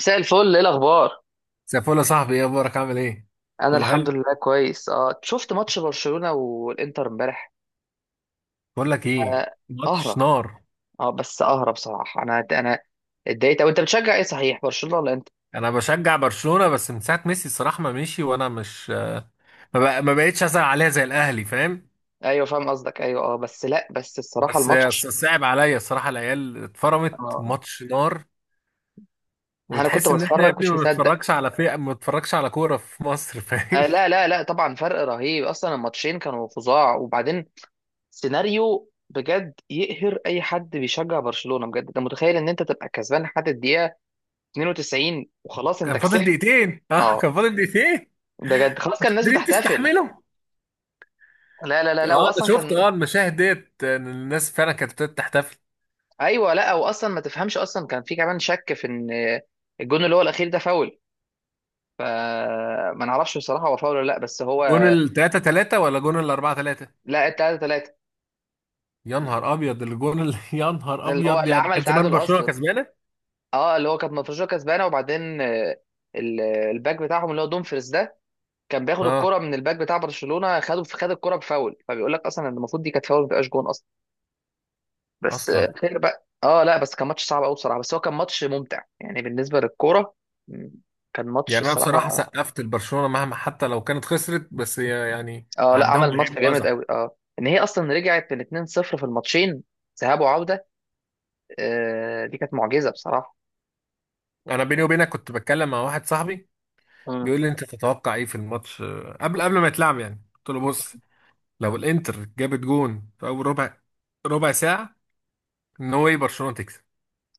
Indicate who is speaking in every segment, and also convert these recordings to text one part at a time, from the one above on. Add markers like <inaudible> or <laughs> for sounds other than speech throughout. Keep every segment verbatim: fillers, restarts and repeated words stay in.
Speaker 1: مساء الفل، ايه الاخبار؟
Speaker 2: سيفول يا صاحبي، ايه اخبارك؟ عامل ايه؟
Speaker 1: انا
Speaker 2: كله
Speaker 1: الحمد
Speaker 2: حلو.
Speaker 1: لله كويس. اه شفت ماتش برشلونة والانتر امبارح.
Speaker 2: بقول لك ايه.
Speaker 1: آه.
Speaker 2: مش
Speaker 1: قهرة.
Speaker 2: نار.
Speaker 1: اه بس قهرة بصراحة. انا انا اتضايقت. او انت بتشجع ايه صحيح، برشلونة ولا انت؟
Speaker 2: انا بشجع برشلونة بس من ساعة ميسي الصراحة ما مشي، وانا مش ما بق- ما بقتش ازعل عليها زي الاهلي، فاهم.
Speaker 1: ايوه فاهم قصدك. ايوه اه بس لا بس الصراحة
Speaker 2: بس ص-
Speaker 1: الماتش.
Speaker 2: صعب عليا الصراحة، العيال اتفرمت،
Speaker 1: اه
Speaker 2: ماتش نار.
Speaker 1: انا كنت
Speaker 2: وتحس ان احنا يا
Speaker 1: بتفرج،
Speaker 2: ابني
Speaker 1: كنتش
Speaker 2: ما
Speaker 1: مصدق.
Speaker 2: بنتفرجش على فئة، ما بنتفرجش على كورة في مصر، فاهم.
Speaker 1: آه لا لا لا، طبعا فرق رهيب اصلا، الماتشين كانوا فظاع. وبعدين سيناريو بجد يقهر اي حد بيشجع برشلونة، بجد. انت متخيل ان انت تبقى كسبان لحد الدقيقة اثنين وتسعين وخلاص
Speaker 2: <laughs>
Speaker 1: انت
Speaker 2: كان فاضل
Speaker 1: كسبت.
Speaker 2: دقيقتين، اه
Speaker 1: اه
Speaker 2: كان فاضل دقيقتين.
Speaker 1: بجد خلاص، كان
Speaker 2: مش
Speaker 1: الناس
Speaker 2: قادرين
Speaker 1: بتحتفل.
Speaker 2: تستحملوا.
Speaker 1: لا لا لا لا،
Speaker 2: اه، انا
Speaker 1: واصلا
Speaker 2: شفت
Speaker 1: كان.
Speaker 2: اه المشاهد ديت إن الناس فعلا كانت بتحتفل.
Speaker 1: ايوه لا، واصلا ما تفهمش، اصلا كان في كمان شك في ان الجون اللي هو الاخير ده فاول. فما نعرفش بصراحه هو فاول ولا لا، بس هو.
Speaker 2: جون ال تلاته تلاته ولا جون ال اربعه تلاته؟
Speaker 1: لا، التلاته تلاته،
Speaker 2: يا نهار ابيض، الجون اللي <laughs> يا نهار
Speaker 1: اللي هو
Speaker 2: ابيض
Speaker 1: اللي
Speaker 2: يعني
Speaker 1: عمل
Speaker 2: كان زمان
Speaker 1: تعادل
Speaker 2: برشلونه
Speaker 1: اصلا.
Speaker 2: كسبانه.
Speaker 1: اه اللي هو كانت مفروشة كسبانه، وبعدين آه، ال- الباك بتاعهم اللي هو دومفريز ده كان بياخد
Speaker 2: اه
Speaker 1: الكرة من الباك بتاع برشلونة، خده خد الكرة بفاول. فبيقول لك اصلا ان المفروض دي كانت فاول، ما تبقاش جون اصلا. بس
Speaker 2: اصلا.
Speaker 1: آه، خير بقى. اه لا بس كان ماتش صعب قوي بصراحه، بس هو كان ماتش ممتع يعني بالنسبه للكوره. م، كان ماتش
Speaker 2: يعني انا بصراحه
Speaker 1: الصراحه.
Speaker 2: سقفت لبرشلونه مهما، حتى لو كانت خسرت، بس هي يعني
Speaker 1: اه لا،
Speaker 2: عداهم
Speaker 1: عمل ماتش
Speaker 2: لعيب
Speaker 1: جامد
Speaker 2: واذى.
Speaker 1: قوي. اه ان هي اصلا رجعت من اتنين صفر في الماتشين ذهاب وعوده. آه، دي كانت معجزه بصراحه.
Speaker 2: انا بيني وبينك كنت بتكلم مع واحد صاحبي
Speaker 1: مم.
Speaker 2: بيقول لي انت تتوقع ايه في الماتش، آه، قبل قبل ما يتلعب، يعني قلت له بص، لو الانتر جابت جون في اول ربع ربع ساعه، ان هو ايه برشلونه تكسب.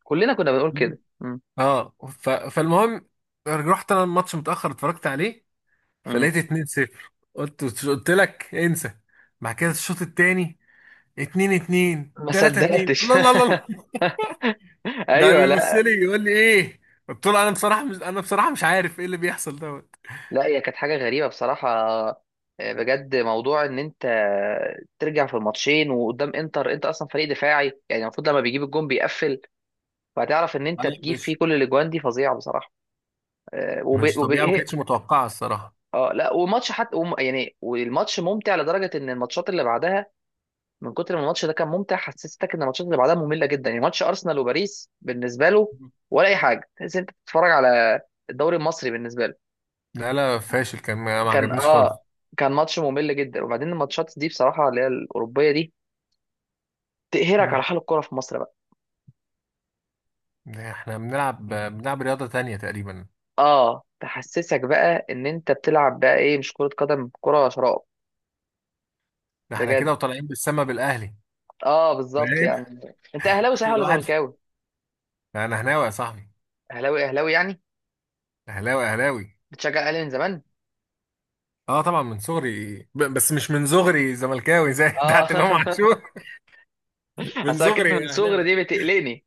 Speaker 1: كلنا كنا بنقول كده. مم.
Speaker 2: اه ف... فالمهم، رحت انا الماتش متاخر اتفرجت عليه،
Speaker 1: مم.
Speaker 2: فلقيت اتنين صفر، قلت قلت لك انسى. بعد كده الشوط التاني اتنين اتنين،
Speaker 1: ما
Speaker 2: تلاته اتنين،
Speaker 1: صدقتش.
Speaker 2: الله الله الله
Speaker 1: <laughs>
Speaker 2: الله. ده
Speaker 1: ايوه
Speaker 2: بيبص
Speaker 1: لا.
Speaker 2: لي يقول لي ايه. قلت له انا بصراحه مش، انا بصراحه مش عارف ايه اللي بيحصل دوت.
Speaker 1: لا هي كانت حاجه غريبه بصراحه. آه، بجد موضوع ان انت ترجع في الماتشين وقدام انتر، انت اصلا فريق دفاعي يعني، المفروض لما بيجيب الجون بيقفل. فهتعرف ان انت
Speaker 2: لا
Speaker 1: تجيب فيه
Speaker 2: مش
Speaker 1: كل الاجوان دي، فظيعه بصراحه. آه، وب...
Speaker 2: مش
Speaker 1: وب...
Speaker 2: طبيعه، ما
Speaker 1: إيه؟
Speaker 2: كانتش متوقعه الصراحه.
Speaker 1: اه لا وماتش حتى وم... يعني والماتش ممتع لدرجه ان الماتشات اللي بعدها، من كتر ما الماتش ده كان ممتع حسستك ان الماتشات اللي بعدها ممله جدا. يعني ماتش ارسنال وباريس بالنسبه له ولا اي حاجه، تحس إن انت بتتفرج على الدوري المصري بالنسبه له.
Speaker 2: لا لا فاشل كان، ما ما
Speaker 1: كان
Speaker 2: عجبنيش خالص.
Speaker 1: اه كان ماتش ممل جدا. وبعدين الماتشات دي بصراحه اللي هي الاوروبيه دي تقهرك
Speaker 2: مم.
Speaker 1: على حال الكوره في مصر بقى.
Speaker 2: ده احنا بنلعب بنلعب رياضه تانية تقريبا.
Speaker 1: اه تحسسك بقى ان انت بتلعب بقى ايه، مش كره قدم، كره شراب.
Speaker 2: ده احنا
Speaker 1: بجد.
Speaker 2: كده وطالعين بالسما بالاهلي،
Speaker 1: اه بالظبط
Speaker 2: فاهم.
Speaker 1: يعني. انت اهلاوي
Speaker 2: <laughs>
Speaker 1: صحيح ولا
Speaker 2: الواحد.
Speaker 1: زملكاوي؟
Speaker 2: ده انا هناوي يا صاحبي.
Speaker 1: اهلاوي اهلاوي يعني.
Speaker 2: اهلاوي اهلاوي.
Speaker 1: بتشجع الاهلي من زمان.
Speaker 2: اه طبعا من صغري، ب- بس مش من صغري زملكاوي زي <laughs>
Speaker 1: اه.
Speaker 2: بتاعت امام عاشور.
Speaker 1: <laughs>
Speaker 2: من
Speaker 1: اصل أنا كلمه من
Speaker 2: صغري
Speaker 1: صغري
Speaker 2: اهلاوي.
Speaker 1: دي بتقلقني.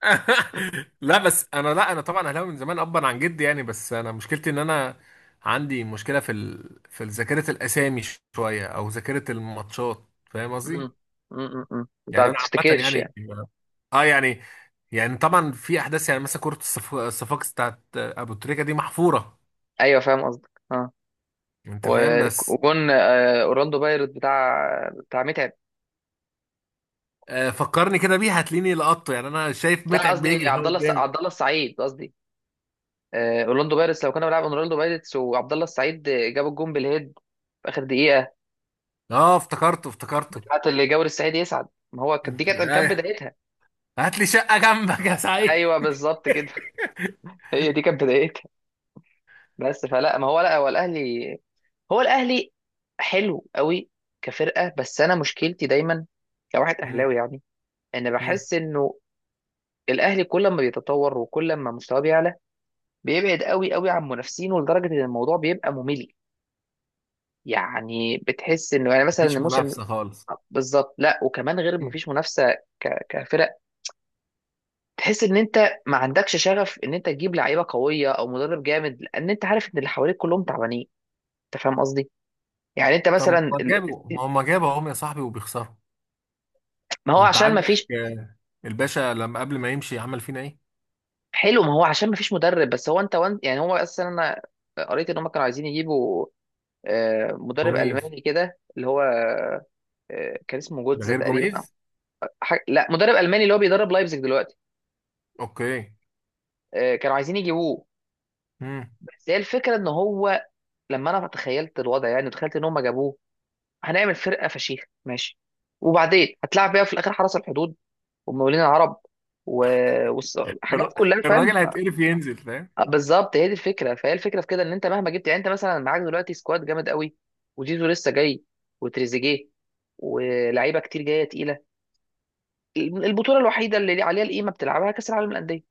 Speaker 2: <laughs> لا بس انا، لا انا طبعا اهلاوي من زمان ابا عن جدي يعني، بس انا مشكلتي ان انا عندي مشكله في ال... في ذاكره الاسامي شويه، او ذاكره الماتشات، فاهم
Speaker 1: امم
Speaker 2: قصدي.
Speaker 1: امم امم انت ما
Speaker 2: يعني انا عامه
Speaker 1: بتفتكرش
Speaker 2: يعني،
Speaker 1: يعني.
Speaker 2: اه يعني، يعني طبعا في احداث، يعني مثلا كره الصف... الصفاقس بتاعت ابو تريكه دي محفوره.
Speaker 1: ايوه فاهم قصدك. اه
Speaker 2: انت فاهم.
Speaker 1: و-
Speaker 2: بس
Speaker 1: وجون آه، اورلاندو بايرت بتاع بتاع متعب.
Speaker 2: آه، فكرني كده بيها هتلاقيني لقطته، يعني انا شايف
Speaker 1: بتاع
Speaker 2: متعب
Speaker 1: قصدي،
Speaker 2: بيجري
Speaker 1: عبد
Speaker 2: هو
Speaker 1: الله الس-
Speaker 2: قدامي.
Speaker 1: عبد الله السعيد قصدي. آه، اورلاندو بايرتس، لو كنا بنلعب اورلاندو بايرتس وعبد الله السعيد جاب الجون بالهيد في اخر دقيقه،
Speaker 2: اه افتكرته افتكرته.
Speaker 1: بتاعت اللي جاور السعيد يسعد، ما هو كانت دي
Speaker 2: انت
Speaker 1: كانت كانت
Speaker 2: ايوه.
Speaker 1: بدايتها.
Speaker 2: هات لي شقة جنبك يا سعيد.
Speaker 1: ايوه بالظبط كده. <laughs> هي دي كانت بدايتها. بس فلا ما هو لا هو الاهلي، هو الاهلي حلو قوي كفرقه. بس انا مشكلتي دايما كواحد
Speaker 2: مم.
Speaker 1: اهلاوي يعني، ان
Speaker 2: مم.
Speaker 1: بحس انه الاهلي كل ما بيتطور وكل ما مستواه بيعلى بيبعد قوي قوي عن منافسينه لدرجه ان الموضوع بيبقى ممل. يعني بتحس انه يعني مثلا
Speaker 2: مفيش
Speaker 1: الموسم،
Speaker 2: منافسة خالص.
Speaker 1: بالظبط. لا وكمان غير ما
Speaker 2: مم.
Speaker 1: فيش منافسه، ك- كفرق، تحس ان انت ما عندكش شغف ان انت تجيب لعيبه قويه او مدرب جامد، لان انت عارف ان اللي حواليك كلهم تعبانين. انت فاهم قصدي؟ يعني انت
Speaker 2: طب
Speaker 1: مثلا،
Speaker 2: ما جابوا، ما هم جابوا اهم يا صاحبي وبيخسروا.
Speaker 1: ما هو
Speaker 2: وانت
Speaker 1: عشان ما
Speaker 2: عاجبك
Speaker 1: فيش.
Speaker 2: آه، الباشا لما قبل ما يمشي عمل فينا ايه؟
Speaker 1: حلو، ما هو عشان ما فيش مدرب. بس هو انت وان يعني هو اصلا انا قريت ان هم كانوا عايزين يجيبوا آه، مدرب
Speaker 2: جوميز.
Speaker 1: الماني كده اللي هو آه، كان اسمه
Speaker 2: ده
Speaker 1: جوتزا
Speaker 2: غير
Speaker 1: تقريبا، أو
Speaker 2: جوميز؟
Speaker 1: حاجة. لا، مدرب الماني اللي هو بيدرب لايبزيج دلوقتي.
Speaker 2: اوكي.
Speaker 1: آه، كانوا عايزين يجيبوه.
Speaker 2: مم.
Speaker 1: بس هي الفكره ان هو لما انا تخيلت الوضع، يعني تخيلت ان هم جابوه، هنعمل فرقه فشيخ ماشي، وبعدين هتلعب بيها في الاخر حرس الحدود، ومقاولين العرب، و- والص- حاجات
Speaker 2: الر-
Speaker 1: كلها فاهم.
Speaker 2: الراجل هيتقرف ينزل، فاهم؟
Speaker 1: آه، بالظبط هي دي الفكره. فهي الفكره في كده، ان انت مهما جبت، يعني انت مثلا معاك دلوقتي سكواد جامد قوي، وجيزو لسه جاي، وتريزيجيه، ولاعيبه كتير جايه تقيله، البطوله الوحيده اللي عليها القيمه بتلعبها كاس العالم للانديه.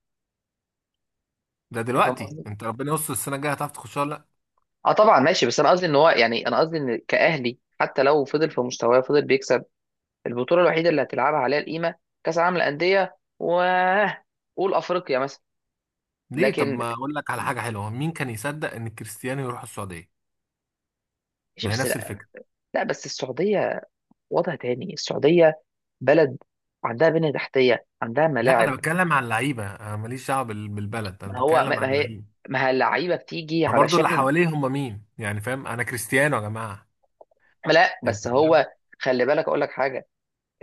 Speaker 2: ده
Speaker 1: انت فاهم
Speaker 2: دلوقتي،
Speaker 1: قصدي؟
Speaker 2: انت ربنا يستر، السنة الجاية هتعرف تخشها ولا لا؟
Speaker 1: اه طبعا ماشي. بس انا قصدي ان هو، يعني انا قصدي ان كاهلي حتى لو فضل في مستواه فضل بيكسب، البطوله الوحيده اللي هتلعبها عليها القيمه كاس العالم للانديه و قول افريقيا مثلا.
Speaker 2: ليه؟ طب
Speaker 1: لكن،
Speaker 2: ما اقول لك على حاجة حلوة، مين كان يصدق ان كريستيانو يروح السعودية؟
Speaker 1: ماشي
Speaker 2: ما هي
Speaker 1: بس
Speaker 2: نفس
Speaker 1: لا.
Speaker 2: الفكرة.
Speaker 1: لا بس السعوديه وضع تاني، السعوديه بلد عندها بنية تحتية، عندها
Speaker 2: لا
Speaker 1: ملاعب.
Speaker 2: انا بتكلم عن اللعيبه، انا ماليش دعوه بال- بالبلد، انا
Speaker 1: ما هو
Speaker 2: بتكلم
Speaker 1: ما
Speaker 2: عن
Speaker 1: ما هي،
Speaker 2: اللعيبه.
Speaker 1: ما هي اللعيبة بتيجي
Speaker 2: ما برضو اللي
Speaker 1: علشان.
Speaker 2: حواليه هم مين يعني، فاهم، انا كريستيانو يا جماعه.
Speaker 1: لا بس
Speaker 2: انت فاهم.
Speaker 1: هو، خلي بالك أقول لك حاجة.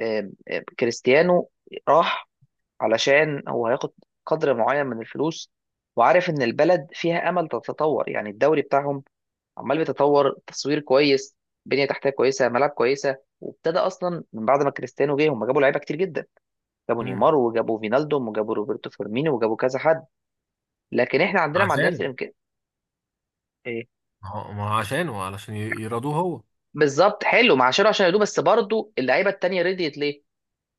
Speaker 1: آم، آم، كريستيانو راح علشان هو هياخد قدر معين من الفلوس، وعارف إن البلد فيها أمل تتطور. يعني الدوري بتاعهم عمال بيتطور، تصوير كويس، بنية تحتية كويسة، ملاعب كويسة. وابتدى أصلا من بعد ما كريستيانو جه هم جابوا لعيبة كتير جدا، جابوا
Speaker 2: امم.
Speaker 1: نيمار، وجابوا فينالدوم، وجابوا روبرتو فيرمينو، وجابوا كذا حد. لكن احنا عندنا ما عندناش
Speaker 2: عشانه.
Speaker 1: الامكانيات. ايه،
Speaker 2: ما هو ما هو عشانه، علشان ي- يرضوه هو.
Speaker 1: بالظبط. حلو مع شيرو عشان يدوب. بس برضو اللعيبه التانيه رضيت ليه؟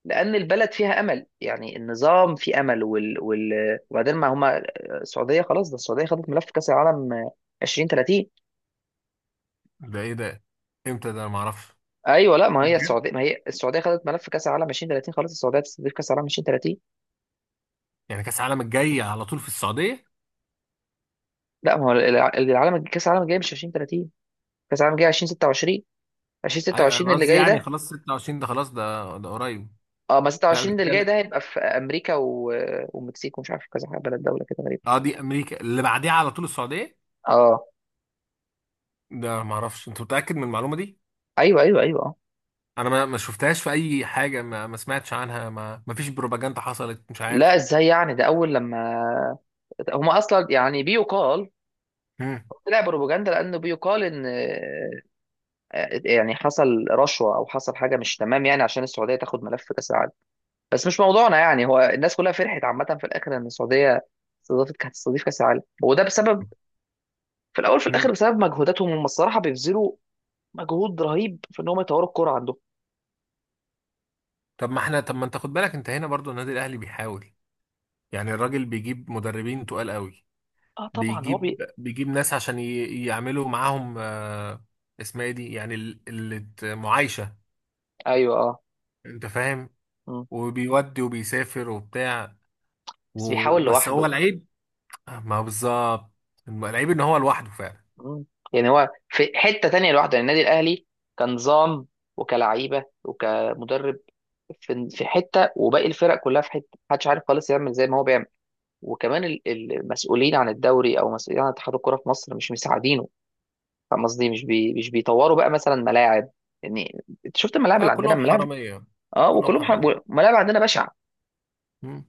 Speaker 1: لان البلد فيها امل، يعني النظام في امل وال... وال... وبعدين ما هما آه، السعوديه خلاص ده، السعوديه خدت ملف كاس العالم ألفين وثلاثين.
Speaker 2: ده ايه ده؟ امتى ده؟ انا ما اعرفش.
Speaker 1: ايوه لا، ما هي
Speaker 2: بجد؟
Speaker 1: السعوديه ما هي السعوديه خدت ملف كاس العالم ألفين وثلاثين خلاص، السعوديه تستضيف كاس العالم ألفين وثلاثين.
Speaker 2: يعني كاس العالم الجاي على طول في السعوديه؟
Speaker 1: لا، ما هو الع- العالم، كاس العالم الجاي مش ألفين وثلاثين، كاس العالم الجاي ألفين وستة وعشرين.
Speaker 2: ايوه
Speaker 1: ألفين وستة وعشرين
Speaker 2: انا
Speaker 1: اللي
Speaker 2: قصدي،
Speaker 1: جاي
Speaker 2: يعني
Speaker 1: ده.
Speaker 2: خلاص ستة وعشرين، ده خلاص ده ده قريب.
Speaker 1: اه ما
Speaker 2: لا
Speaker 1: ستة وعشرين اللي جاي
Speaker 2: بتكلم.
Speaker 1: ده هيبقى في امريكا و... والمكسيك، ومش عارف كذا بلد، دوله كده غريبه.
Speaker 2: اه، دي امريكا اللي بعديها على طول السعوديه.
Speaker 1: اه
Speaker 2: ده ما اعرفش، انت متاكد من المعلومه دي؟
Speaker 1: ايوه ايوه ايوه آه.
Speaker 2: انا ما ما شفتهاش في اي حاجه، ما, ما سمعتش عنها، ما ما فيش بروباجندا حصلت، مش
Speaker 1: لا
Speaker 2: عارف.
Speaker 1: ازاي يعني، ده اول لما هما اصلا يعني بيقال،
Speaker 2: مم.
Speaker 1: طلع بروباجندا، لانه بيقال ان آه، يعني حصل رشوه او حصل حاجه مش تمام، يعني عشان السعوديه تاخد ملف كاس العالم. بس مش موضوعنا يعني. هو الناس كلها فرحت عامه في الاخر ان السعوديه استضافت، كانت تستضيف كاس العالم، وده بسبب في الاول في
Speaker 2: مم.
Speaker 1: الاخر بسبب مجهوداتهم هم الصراحه، بيبذلوا مجهود رهيب في ان هم يطوروا الكوره عندهم.
Speaker 2: طب ما احنا، طب ما انت خد بالك، انت هنا برضو النادي الاهلي بيحاول، يعني الراجل بيجيب مدربين تقال قوي.
Speaker 1: اه طبعا هو
Speaker 2: بيجيب
Speaker 1: بي...
Speaker 2: بيجيب ناس عشان ي- يعملوا معاهم آه، اسمها ايه دي، يعني ال- ال- معايشه.
Speaker 1: ايوه اه.
Speaker 2: انت فاهم.
Speaker 1: مم.
Speaker 2: وبيودي وبيسافر وبتاع،
Speaker 1: بس بيحاول
Speaker 2: وبس هو
Speaker 1: لوحده.
Speaker 2: العيب. ما هو بالظبط، العيب ان هو لوحده فعلا.
Speaker 1: مم. يعني هو في حتة تانية لوحده. يعني النادي الأهلي كنظام وكلعيبة وكمدرب في في حتة، وباقي الفرق كلها في حتة. محدش عارف خالص يعمل زي ما هو بيعمل. وكمان ال- المسؤولين عن الدوري أو مسؤولين عن اتحاد الكورة في مصر مش مساعدينه. فاهم قصدي؟ مش بي مش بيطوروا بقى مثلا ملاعب. يعني انت شفت الملاعب
Speaker 2: اه
Speaker 1: اللي عندنا،
Speaker 2: كلهم
Speaker 1: الملاعب.
Speaker 2: حراميه.
Speaker 1: اه
Speaker 2: كلهم
Speaker 1: وكلهم ح-
Speaker 2: حراميه.
Speaker 1: ملاعب عندنا بشعة.
Speaker 2: مم.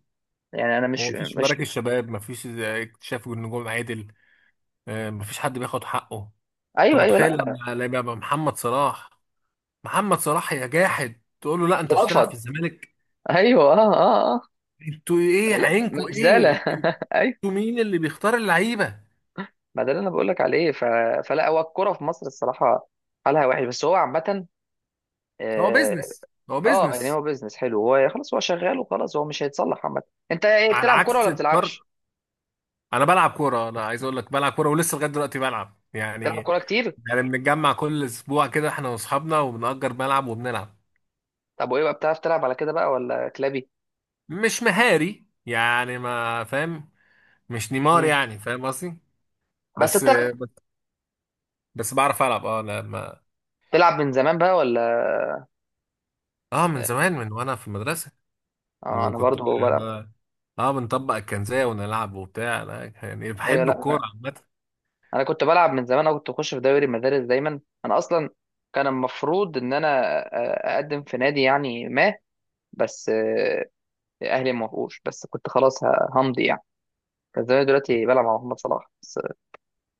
Speaker 1: يعني انا
Speaker 2: ما
Speaker 1: مش
Speaker 2: هو فيش
Speaker 1: مش
Speaker 2: مراكز شباب، ما فيش اكتشاف نجوم عادل، آه، ما فيش حد بياخد حقه. انت
Speaker 1: ايوه ايوه،
Speaker 2: متخيل
Speaker 1: لا لا،
Speaker 2: لما لما يبقى محمد صلاح، محمد صلاح يا جاحد تقول له لا انت مش هتلعب
Speaker 1: بترفض،
Speaker 2: في الزمالك؟
Speaker 1: ايوه اه اه اه.
Speaker 2: انتوا ايه،
Speaker 1: لا
Speaker 2: عينكوا
Speaker 1: مهزله.
Speaker 2: ايه، انتوا
Speaker 1: <laughs>
Speaker 2: مين اللي بيختار اللعيبه؟
Speaker 1: ما ده اللي انا بقول لك عليه. ف... فلا هو الكوره في مصر الصراحه حالها وحش. بس هو عامه
Speaker 2: هو
Speaker 1: اه.
Speaker 2: بيزنس هو
Speaker 1: آه، يعني
Speaker 2: بيزنس.
Speaker 1: هو بيزنس حلو، هو خلاص هو شغال، وخلاص هو مش هيتصلح عامه. انت ايه،
Speaker 2: على
Speaker 1: بتلعب كوره
Speaker 2: عكس
Speaker 1: ولا ما
Speaker 2: الفرق.
Speaker 1: بتلعبش؟
Speaker 2: انا بلعب كوره، انا عايز اقول لك بلعب كوره ولسه لغايه دلوقتي بلعب
Speaker 1: بتلعب
Speaker 2: يعني.
Speaker 1: كوره كتير.
Speaker 2: يعني بنتجمع كل اسبوع كده احنا واصحابنا وبنأجر ملعب وبنلعب.
Speaker 1: طب وايه بقى، بتعرف تلعب على كده بقى ولا كلابي؟
Speaker 2: مش مهاري يعني، ما فاهم، مش نيمار
Speaker 1: مم.
Speaker 2: يعني، فاهم قصدي.
Speaker 1: بس
Speaker 2: بس
Speaker 1: انت
Speaker 2: بس بس بعرف العب. اه لما،
Speaker 1: بتلعب من زمان بقى ولا؟
Speaker 2: اه، من زمان من وانا في المدرسه،
Speaker 1: اه انا
Speaker 2: وكنت ب...
Speaker 1: برضو بلعب.
Speaker 2: ب... اه بنطبق الكنزيه ونلعب وبتاع، لا يعني
Speaker 1: ايوه
Speaker 2: بحب الكوره
Speaker 1: لا،
Speaker 2: عامه.
Speaker 1: انا كنت بلعب من زمان، انا كنت بخش في دوري المدارس دايما. انا اصلا كان المفروض ان انا أ- اقدم في نادي، يعني ما. بس آه، اهلي ما وافقوش، بس كنت خلاص ه- همضي يعني. كان زمان دلوقتي بلعب مع محمد صلاح، بس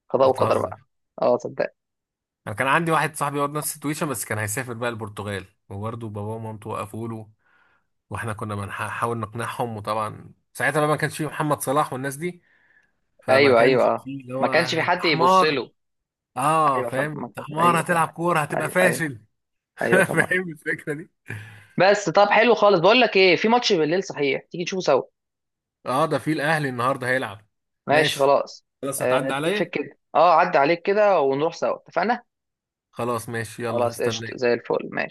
Speaker 1: قضاء وقدر
Speaker 2: بتهزر.
Speaker 1: بقى. اه صدق.
Speaker 2: انا كان عندي واحد صاحبي برضه نفس التويشه، بس كان هيسافر بقى البرتغال، وبرضه باباه ومامته وقفوا له، واحنا كنا بنحاول نقنعهم، وطبعا ساعتها بقى ما كانش فيه محمد صلاح والناس دي، فما
Speaker 1: ايوه ايوه
Speaker 2: كانش
Speaker 1: اه.
Speaker 2: فيه اللي
Speaker 1: ما
Speaker 2: هو
Speaker 1: كانش في
Speaker 2: انت
Speaker 1: حد يبص
Speaker 2: حمار.
Speaker 1: له.
Speaker 2: اه
Speaker 1: ايوه فاهم
Speaker 2: فاهم،
Speaker 1: ما
Speaker 2: انت
Speaker 1: كان-
Speaker 2: حمار
Speaker 1: ايوه فاهم.
Speaker 2: هتلعب كوره هتبقى
Speaker 1: ايوه ايوه.
Speaker 2: فاشل.
Speaker 1: ايوه
Speaker 2: <laughs>
Speaker 1: فاهم.
Speaker 2: فاهم الفكره.
Speaker 1: بس طب حلو خالص. بقول لك ايه، في ماتش بالليل صحيح، تيجي نشوفه سوا؟
Speaker 2: اه ده في الاهلي النهارده هيلعب.
Speaker 1: ماشي
Speaker 2: ماشي
Speaker 1: خلاص.
Speaker 2: خلاص.
Speaker 1: آه،
Speaker 2: هتعدي
Speaker 1: نتفق
Speaker 2: عليا.
Speaker 1: كده. اه عدى عليك كده ونروح سوا، اتفقنا.
Speaker 2: خلاص ماشي، يلا
Speaker 1: خلاص قشطة زي
Speaker 2: هستناك.
Speaker 1: الفل، ماشي.